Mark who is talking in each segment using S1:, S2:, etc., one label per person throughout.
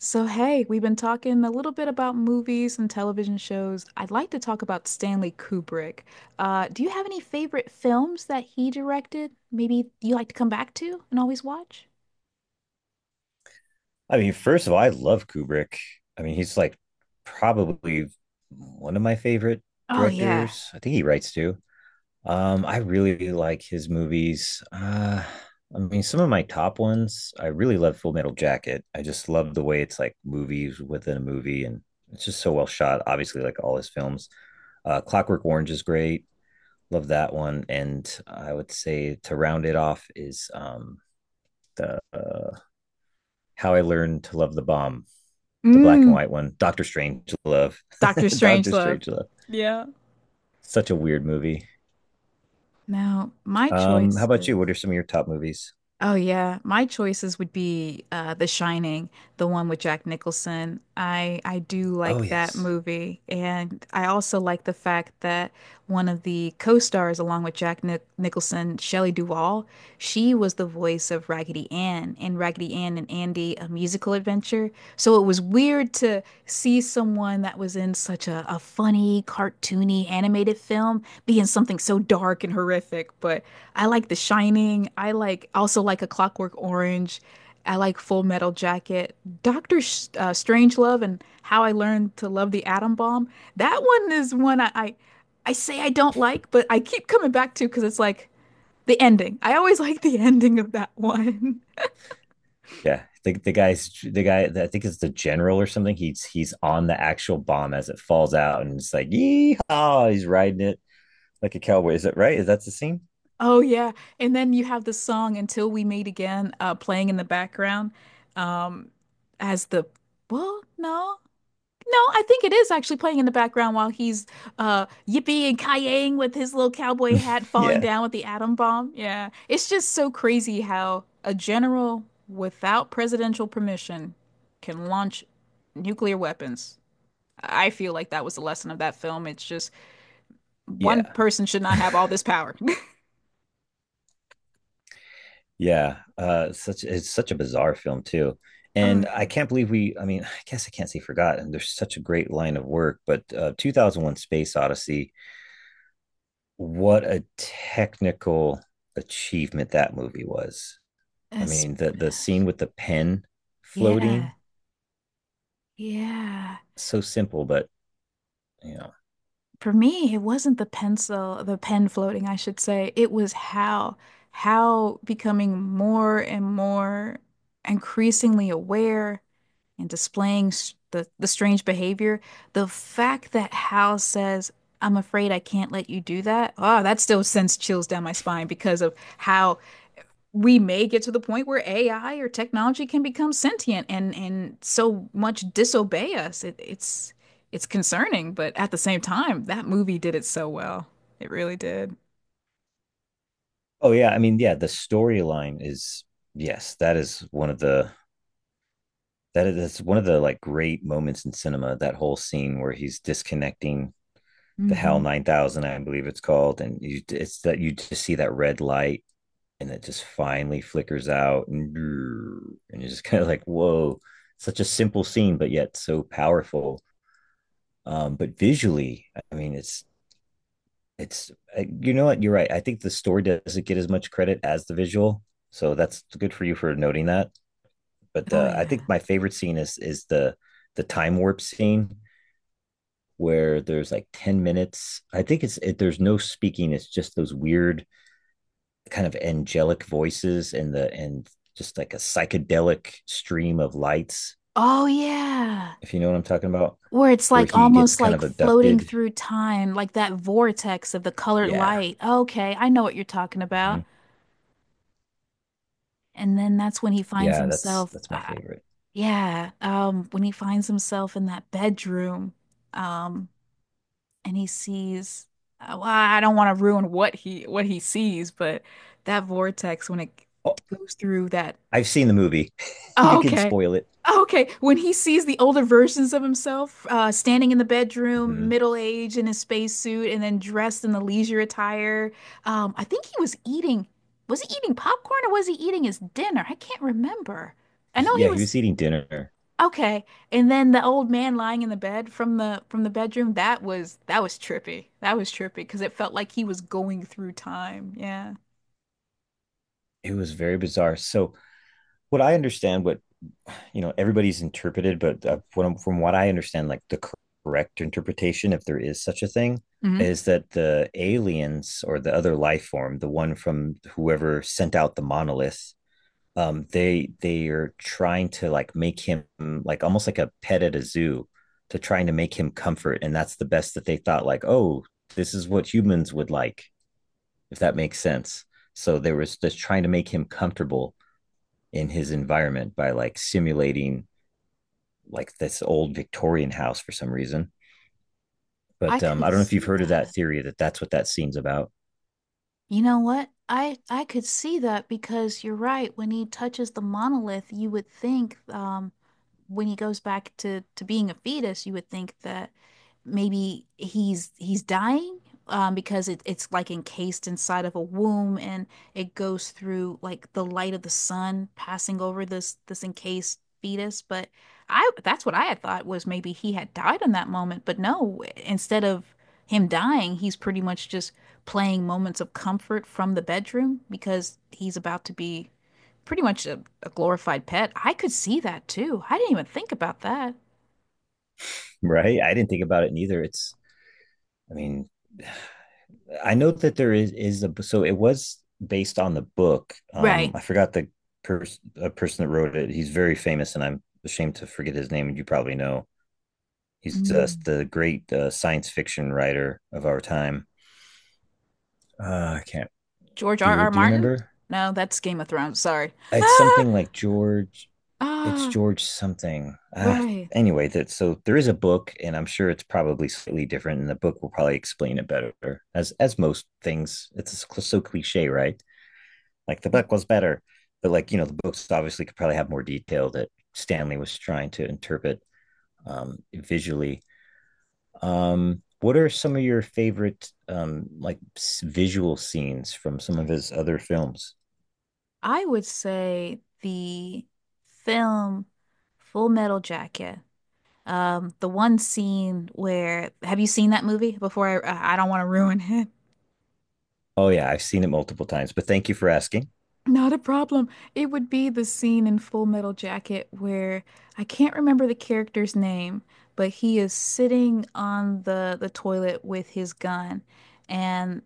S1: So, hey, we've been talking a little bit about movies and television shows. I'd like to talk about Stanley Kubrick. Do you have any favorite films that he directed? Maybe you like to come back to and always watch?
S2: I mean, first of all, I love Kubrick. I mean, he's like probably one of my favorite
S1: Oh yeah.
S2: directors. I think he writes too. I really like his movies. I mean, some of my top ones, I really love Full Metal Jacket. I just love the way it's like movies within a movie, and it's just so well shot. Obviously, like all his films, Clockwork Orange is great. Love that one. And I would say to round it off is the How I Learned to Love the Bomb, the black and
S1: Mm,
S2: white one, Doctor Strange Love.
S1: Doctor
S2: Doctor
S1: Strangelove.
S2: Strange Love.
S1: Yeah.
S2: Such a weird movie.
S1: Now, my
S2: How about you?
S1: choices.
S2: What are some of your top movies?
S1: Oh yeah, my choices would be The Shining, the one with Jack Nicholson. I do
S2: Oh
S1: like that
S2: yes.
S1: movie, and I also like the fact that one of the co-stars along with Jack Nicholson, Shelley Duvall, she was the voice of Raggedy Ann in Raggedy Ann and Andy: A Musical Adventure. So it was weird to see someone that was in such a funny, cartoony, animated film be in something so dark and horrific, but I like The Shining. I like also like A Clockwork Orange. I like Full Metal Jacket. Doctor Sh Strangelove and How I Learned to Love the Atom Bomb. That one is one I say I don't like, but I keep coming back to because it's like the ending. I always like the ending of that one.
S2: Yeah, the guy that I think is the general or something. He's on the actual bomb as it falls out, and it's like yeehaw! He's riding it like a cowboy. Is that right? Is that the scene?
S1: Oh yeah, and then you have the song "Until We Meet Again" playing in the background, um, as the well, no. No, I think it is actually playing in the background while he's yippee and kayaying with his little cowboy hat falling
S2: Yeah.
S1: down with the atom bomb. Yeah. It's just so crazy how a general without presidential permission can launch nuclear weapons. I feel like that was the lesson of that film. It's just one
S2: Yeah.
S1: person should not have all this power.
S2: Yeah. Such it's such a bizarre film too,
S1: Oh,
S2: and I
S1: yeah.
S2: can't believe we. I mean, I guess I can't say forgot. And there's such a great line of work, but 2001: Space Odyssey, what a technical achievement that movie was. I
S1: Especially.
S2: mean, the scene with the pen
S1: Yeah.
S2: floating,
S1: Yeah.
S2: so simple, but you know.
S1: For me, it wasn't the pencil, the pen floating, I should say. It was how becoming more and more increasingly aware and displaying the strange behavior. The fact that Hal says, I'm afraid I can't let you do that. Oh, that still sends chills down my spine because of how we may get to the point where AI or technology can become sentient and so much disobey us. It's concerning, but at the same time, that movie did it so well. It really did.
S2: Oh yeah, I mean, yeah, the storyline is yes, that is one of the that is that's one of the like great moments in cinema, that whole scene where he's disconnecting the Hell
S1: Hmm.
S2: 9000, I believe it's called. And you just see that red light and it just finally flickers out. And and you're just kind of like, whoa, such a simple scene, but yet so powerful. But visually, I mean, it's, you know what? You're right. I think the story doesn't get as much credit as the visual. So that's good for you for noting that. But
S1: Oh
S2: I think
S1: yeah.
S2: my favorite scene is the time warp scene where there's like 10 minutes. I think it's it, There's no speaking, it's just those weird kind of angelic voices and the and just like a psychedelic stream of lights,
S1: Oh yeah.
S2: if you know what I'm talking about,
S1: Where it's
S2: where
S1: like
S2: he gets
S1: almost
S2: kind
S1: like
S2: of
S1: floating
S2: abducted.
S1: through time, like that vortex of the colored
S2: Yeah.
S1: light. Okay, I know what you're talking about.
S2: Mm-hmm.
S1: And then that's when he finds
S2: Yeah, that's
S1: himself,
S2: that's my favorite.
S1: yeah, when he finds himself in that bedroom, um, and he sees well, I don't want to ruin what he sees, but that vortex when it
S2: Oh,
S1: goes through that
S2: I've seen the movie. You
S1: oh,
S2: can
S1: okay.
S2: spoil it.
S1: Oh, okay, when he sees the older versions of himself standing in the bedroom,
S2: Mm-hmm.
S1: middle-aged in his spacesuit, and then dressed in the leisure attire, I think he was eating. Was he eating popcorn or was he eating his dinner? I can't remember. I know he
S2: Yeah, he
S1: was.
S2: was eating dinner.
S1: Okay. And then the old man lying in the bed from the bedroom, that was trippy. That was trippy because it felt like he was going through time. Yeah.
S2: It was very bizarre. So what I understand, what you know everybody's interpreted but from what I understand, like the correct interpretation, if there is such a thing,
S1: Hmm.
S2: is that the aliens or the other life form, the one from whoever sent out the monolith, they are trying to like make him like almost like a pet at a zoo, to trying to make him comfort, and that's the best that they thought, like, oh, this is what humans would like, if that makes sense. So they were just trying to make him comfortable in his environment by like simulating like this old Victorian house for some reason.
S1: I
S2: But I
S1: could
S2: don't know if you've
S1: see
S2: heard of that
S1: that.
S2: theory, that that's what that scene's about.
S1: You know what? I could see that because you're right. When he touches the monolith, you would think when he goes back to being a fetus, you would think that maybe he's dying because it's like encased inside of a womb, and it goes through like the light of the sun passing over this encased fetus. But I that's what I had thought was maybe he had died in that moment. But no, instead of him dying, he's pretty much just playing moments of comfort from the bedroom because he's about to be pretty much a glorified pet. I could see that too. I didn't even think about that.
S2: Right? I didn't think about it neither. I mean, I know that there is a so it was based on the book.
S1: Right.
S2: I forgot the person that wrote it. He's very famous, and I'm ashamed to forget his name. And you probably know, he's uh,
S1: Mm.
S2: the great uh, science fiction writer of our time. I can't.
S1: George
S2: Do
S1: R.
S2: you
S1: R.
S2: do you
S1: Martin?
S2: remember?
S1: No, that's Game of Thrones. Sorry.
S2: It's something like George, it's
S1: Ah,
S2: George something. Ah,
S1: right.
S2: anyway, that so there is a book, and I'm sure it's probably slightly different, and the book will probably explain it better. As most things, it's so cliche, right? Like, the book was better, but like, you know, the books obviously could probably have more detail that Stanley was trying to interpret visually. What are some of your favorite like visual scenes from some of his other films?
S1: I would say the film Full Metal Jacket. The one scene where have you seen that movie before? I don't want to ruin it.
S2: Oh yeah, I've seen it multiple times, but thank you for asking.
S1: Not a problem. It would be the scene in Full Metal Jacket where I can't remember the character's name, but he is sitting on the toilet with his gun and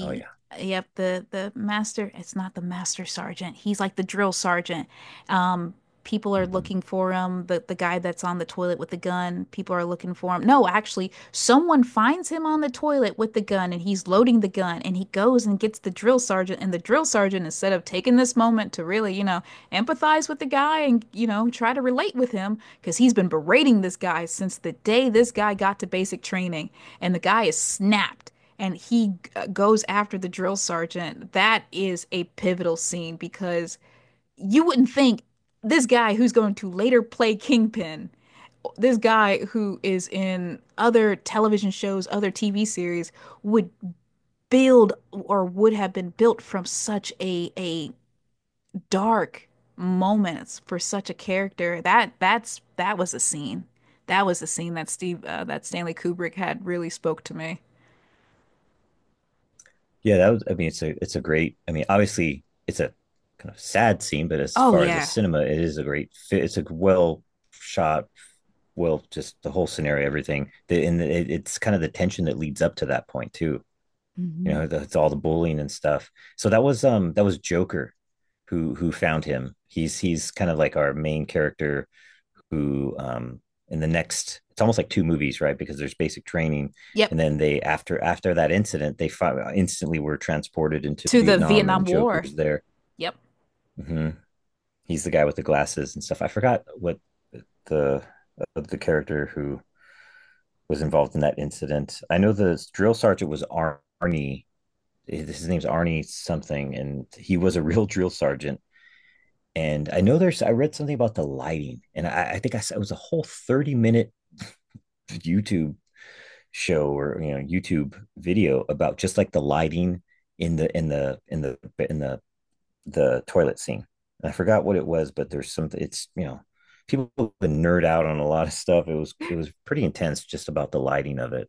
S2: Oh yeah.
S1: the master, it's not the master sergeant. He's like the drill sergeant. Um People are
S2: Mm-hmm.
S1: looking for him. The guy that's on the toilet with the gun, people are looking for him. No, actually, someone finds him on the toilet with the gun, and he's loading the gun, and he goes and gets the drill sergeant, and the drill sergeant, instead of taking this moment to really, you know, empathize with the guy and, you know, try to relate with him cuz he's been berating this guy since the day this guy got to basic training, and the guy is snapped, and he goes after the drill sergeant. That is a pivotal scene because you wouldn't think this guy who's going to later play Kingpin, this guy who is in other television shows, other TV series, would build or would have been built from such a dark moments for such a character. That was a scene. That was a scene that Steve that Stanley Kubrick had really spoke to me.
S2: Yeah, that was. I mean, it's a great. I mean, obviously, it's a kind of sad scene, but as
S1: Oh
S2: far as a
S1: yeah.
S2: cinema, it is a great fit. It's a well shot, well, just the whole scenario, everything. And it's kind of the tension that leads up to that point too, you
S1: Hmm.
S2: know, that's all the bullying and stuff. So that was Joker, who found him. He's kind of like our main character who, in the next, it's almost like two movies, right, because there's basic training and
S1: Yep.
S2: then, they after after that incident, they instantly were transported into
S1: To the
S2: Vietnam,
S1: Vietnam
S2: and
S1: War.
S2: Joker's there.
S1: Yep.
S2: Mm-hmm. He's the guy with the glasses and stuff. I forgot what the the character who was involved in that incident. I know the drill sergeant was Arnie, his name's Arnie something, and he was a real drill sergeant. And I know there's, I read something about the lighting, and I think I it was a whole 30-minute YouTube show, or you know, YouTube video, about just like the lighting in the in the in the in the toilet scene. And I forgot what it was, but there's something. It's, you know, people been nerd out on a lot of stuff. It was pretty intense just about the lighting of it.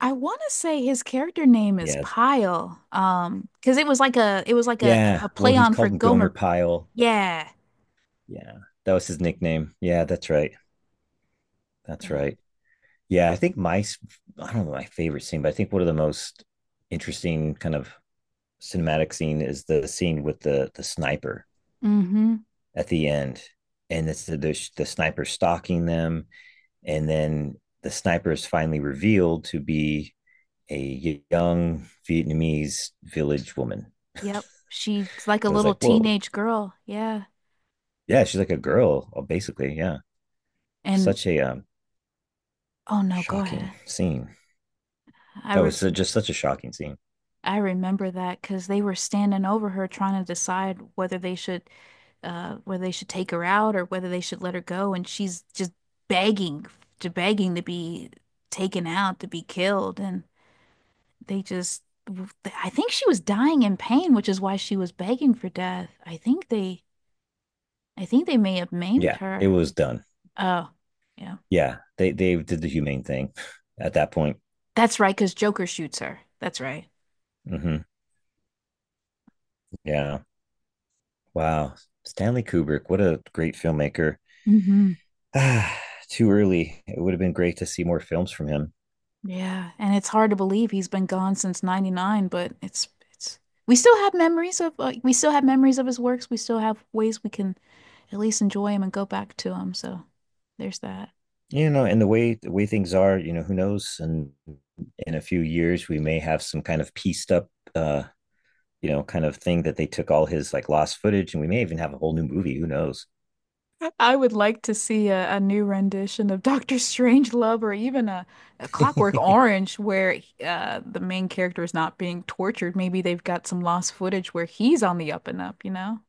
S1: I want to say his character name is
S2: Yeah,
S1: Pyle, because it was like
S2: yeah.
S1: a
S2: Well,
S1: play
S2: he's
S1: on for
S2: called him
S1: Gomer.
S2: Gomer Pyle.
S1: Yeah,
S2: Yeah, that was his nickname. Yeah, that's right. That's
S1: but
S2: right. Yeah, I don't know my favorite scene, but I think one of the most interesting kind of cinematic scene is the scene with the sniper
S1: mm-hmm.
S2: at the end, and it's the sniper stalking them, and then the sniper is finally revealed to be a young Vietnamese village woman.
S1: Yep, she's like a
S2: It was
S1: little
S2: like, whoa,
S1: teenage girl. Yeah,
S2: yeah, she's like a girl, basically. Yeah,
S1: and
S2: such a
S1: oh no, go
S2: shocking
S1: ahead.
S2: scene.
S1: I
S2: That
S1: re
S2: was just such a shocking scene.
S1: I remember that because they were standing over her trying to decide whether they should take her out or whether they should let her go, and she's just begging begging to be taken out to be killed and. They just I think she was dying in pain, which is why she was begging for death. I think they may have maimed
S2: Yeah, it
S1: her.
S2: was done.
S1: Oh, yeah.
S2: Yeah, they did the humane thing at that point.
S1: That's right, because Joker shoots her. That's right.
S2: Hmm. Yeah. Wow. Stanley Kubrick, what a great filmmaker.
S1: Hmm.
S2: Ah, too early. It would have been great to see more films from him.
S1: Yeah, and it's hard to believe he's been gone since 99, but it's we still have memories of we still have memories of his works. We still have ways we can at least enjoy him and go back to him. So there's that.
S2: You know, and the way things are, you know, who knows? And in a few years, we may have some kind of pieced up, you know, kind of thing that they took all his like lost footage, and we may even have a whole new movie. Who knows?
S1: I would like to see a new rendition of Doctor Strangelove or even a Clockwork Orange where the main character is not being tortured. Maybe they've got some lost footage where he's on the up and up, you know?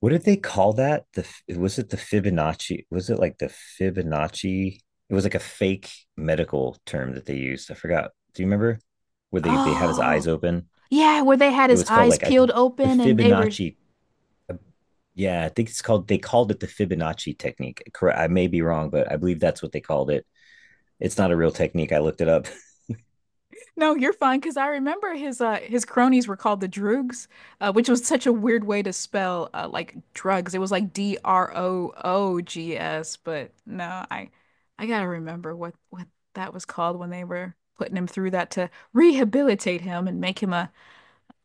S2: What did they call that? The, was it the Fibonacci? Was it like the Fibonacci? It was like a fake medical term that they used. I forgot. Do you remember where they have his eyes
S1: Oh,
S2: open?
S1: yeah, where they had
S2: It
S1: his
S2: was called
S1: eyes
S2: like a,
S1: peeled
S2: the
S1: open, and they were
S2: Fibonacci. uh, Yeah, I think it's called, they called it the Fibonacci technique. Correct. I may be wrong, but I believe that's what they called it. It's not a real technique. I looked it up.
S1: No, you're fine because I remember his cronies were called the Droogs, which was such a weird way to spell like drugs. It was like Droogs, but no, I gotta remember what that was called when they were putting him through that to rehabilitate him and make him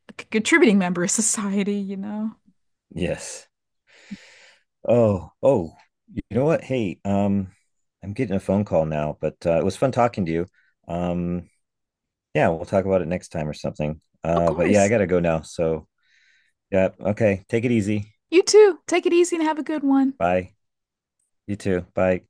S1: a contributing member of society, you know.
S2: Yes. Oh, oh, you know what? Hey, I'm getting a phone call now, but it was fun talking to you. Um, yeah, we'll talk about it next time or something.
S1: Of
S2: But yeah, I
S1: course.
S2: gotta go now. So, yeah, okay. Take it easy.
S1: You too. Take it easy and have a good one.
S2: Bye. You too. Bye.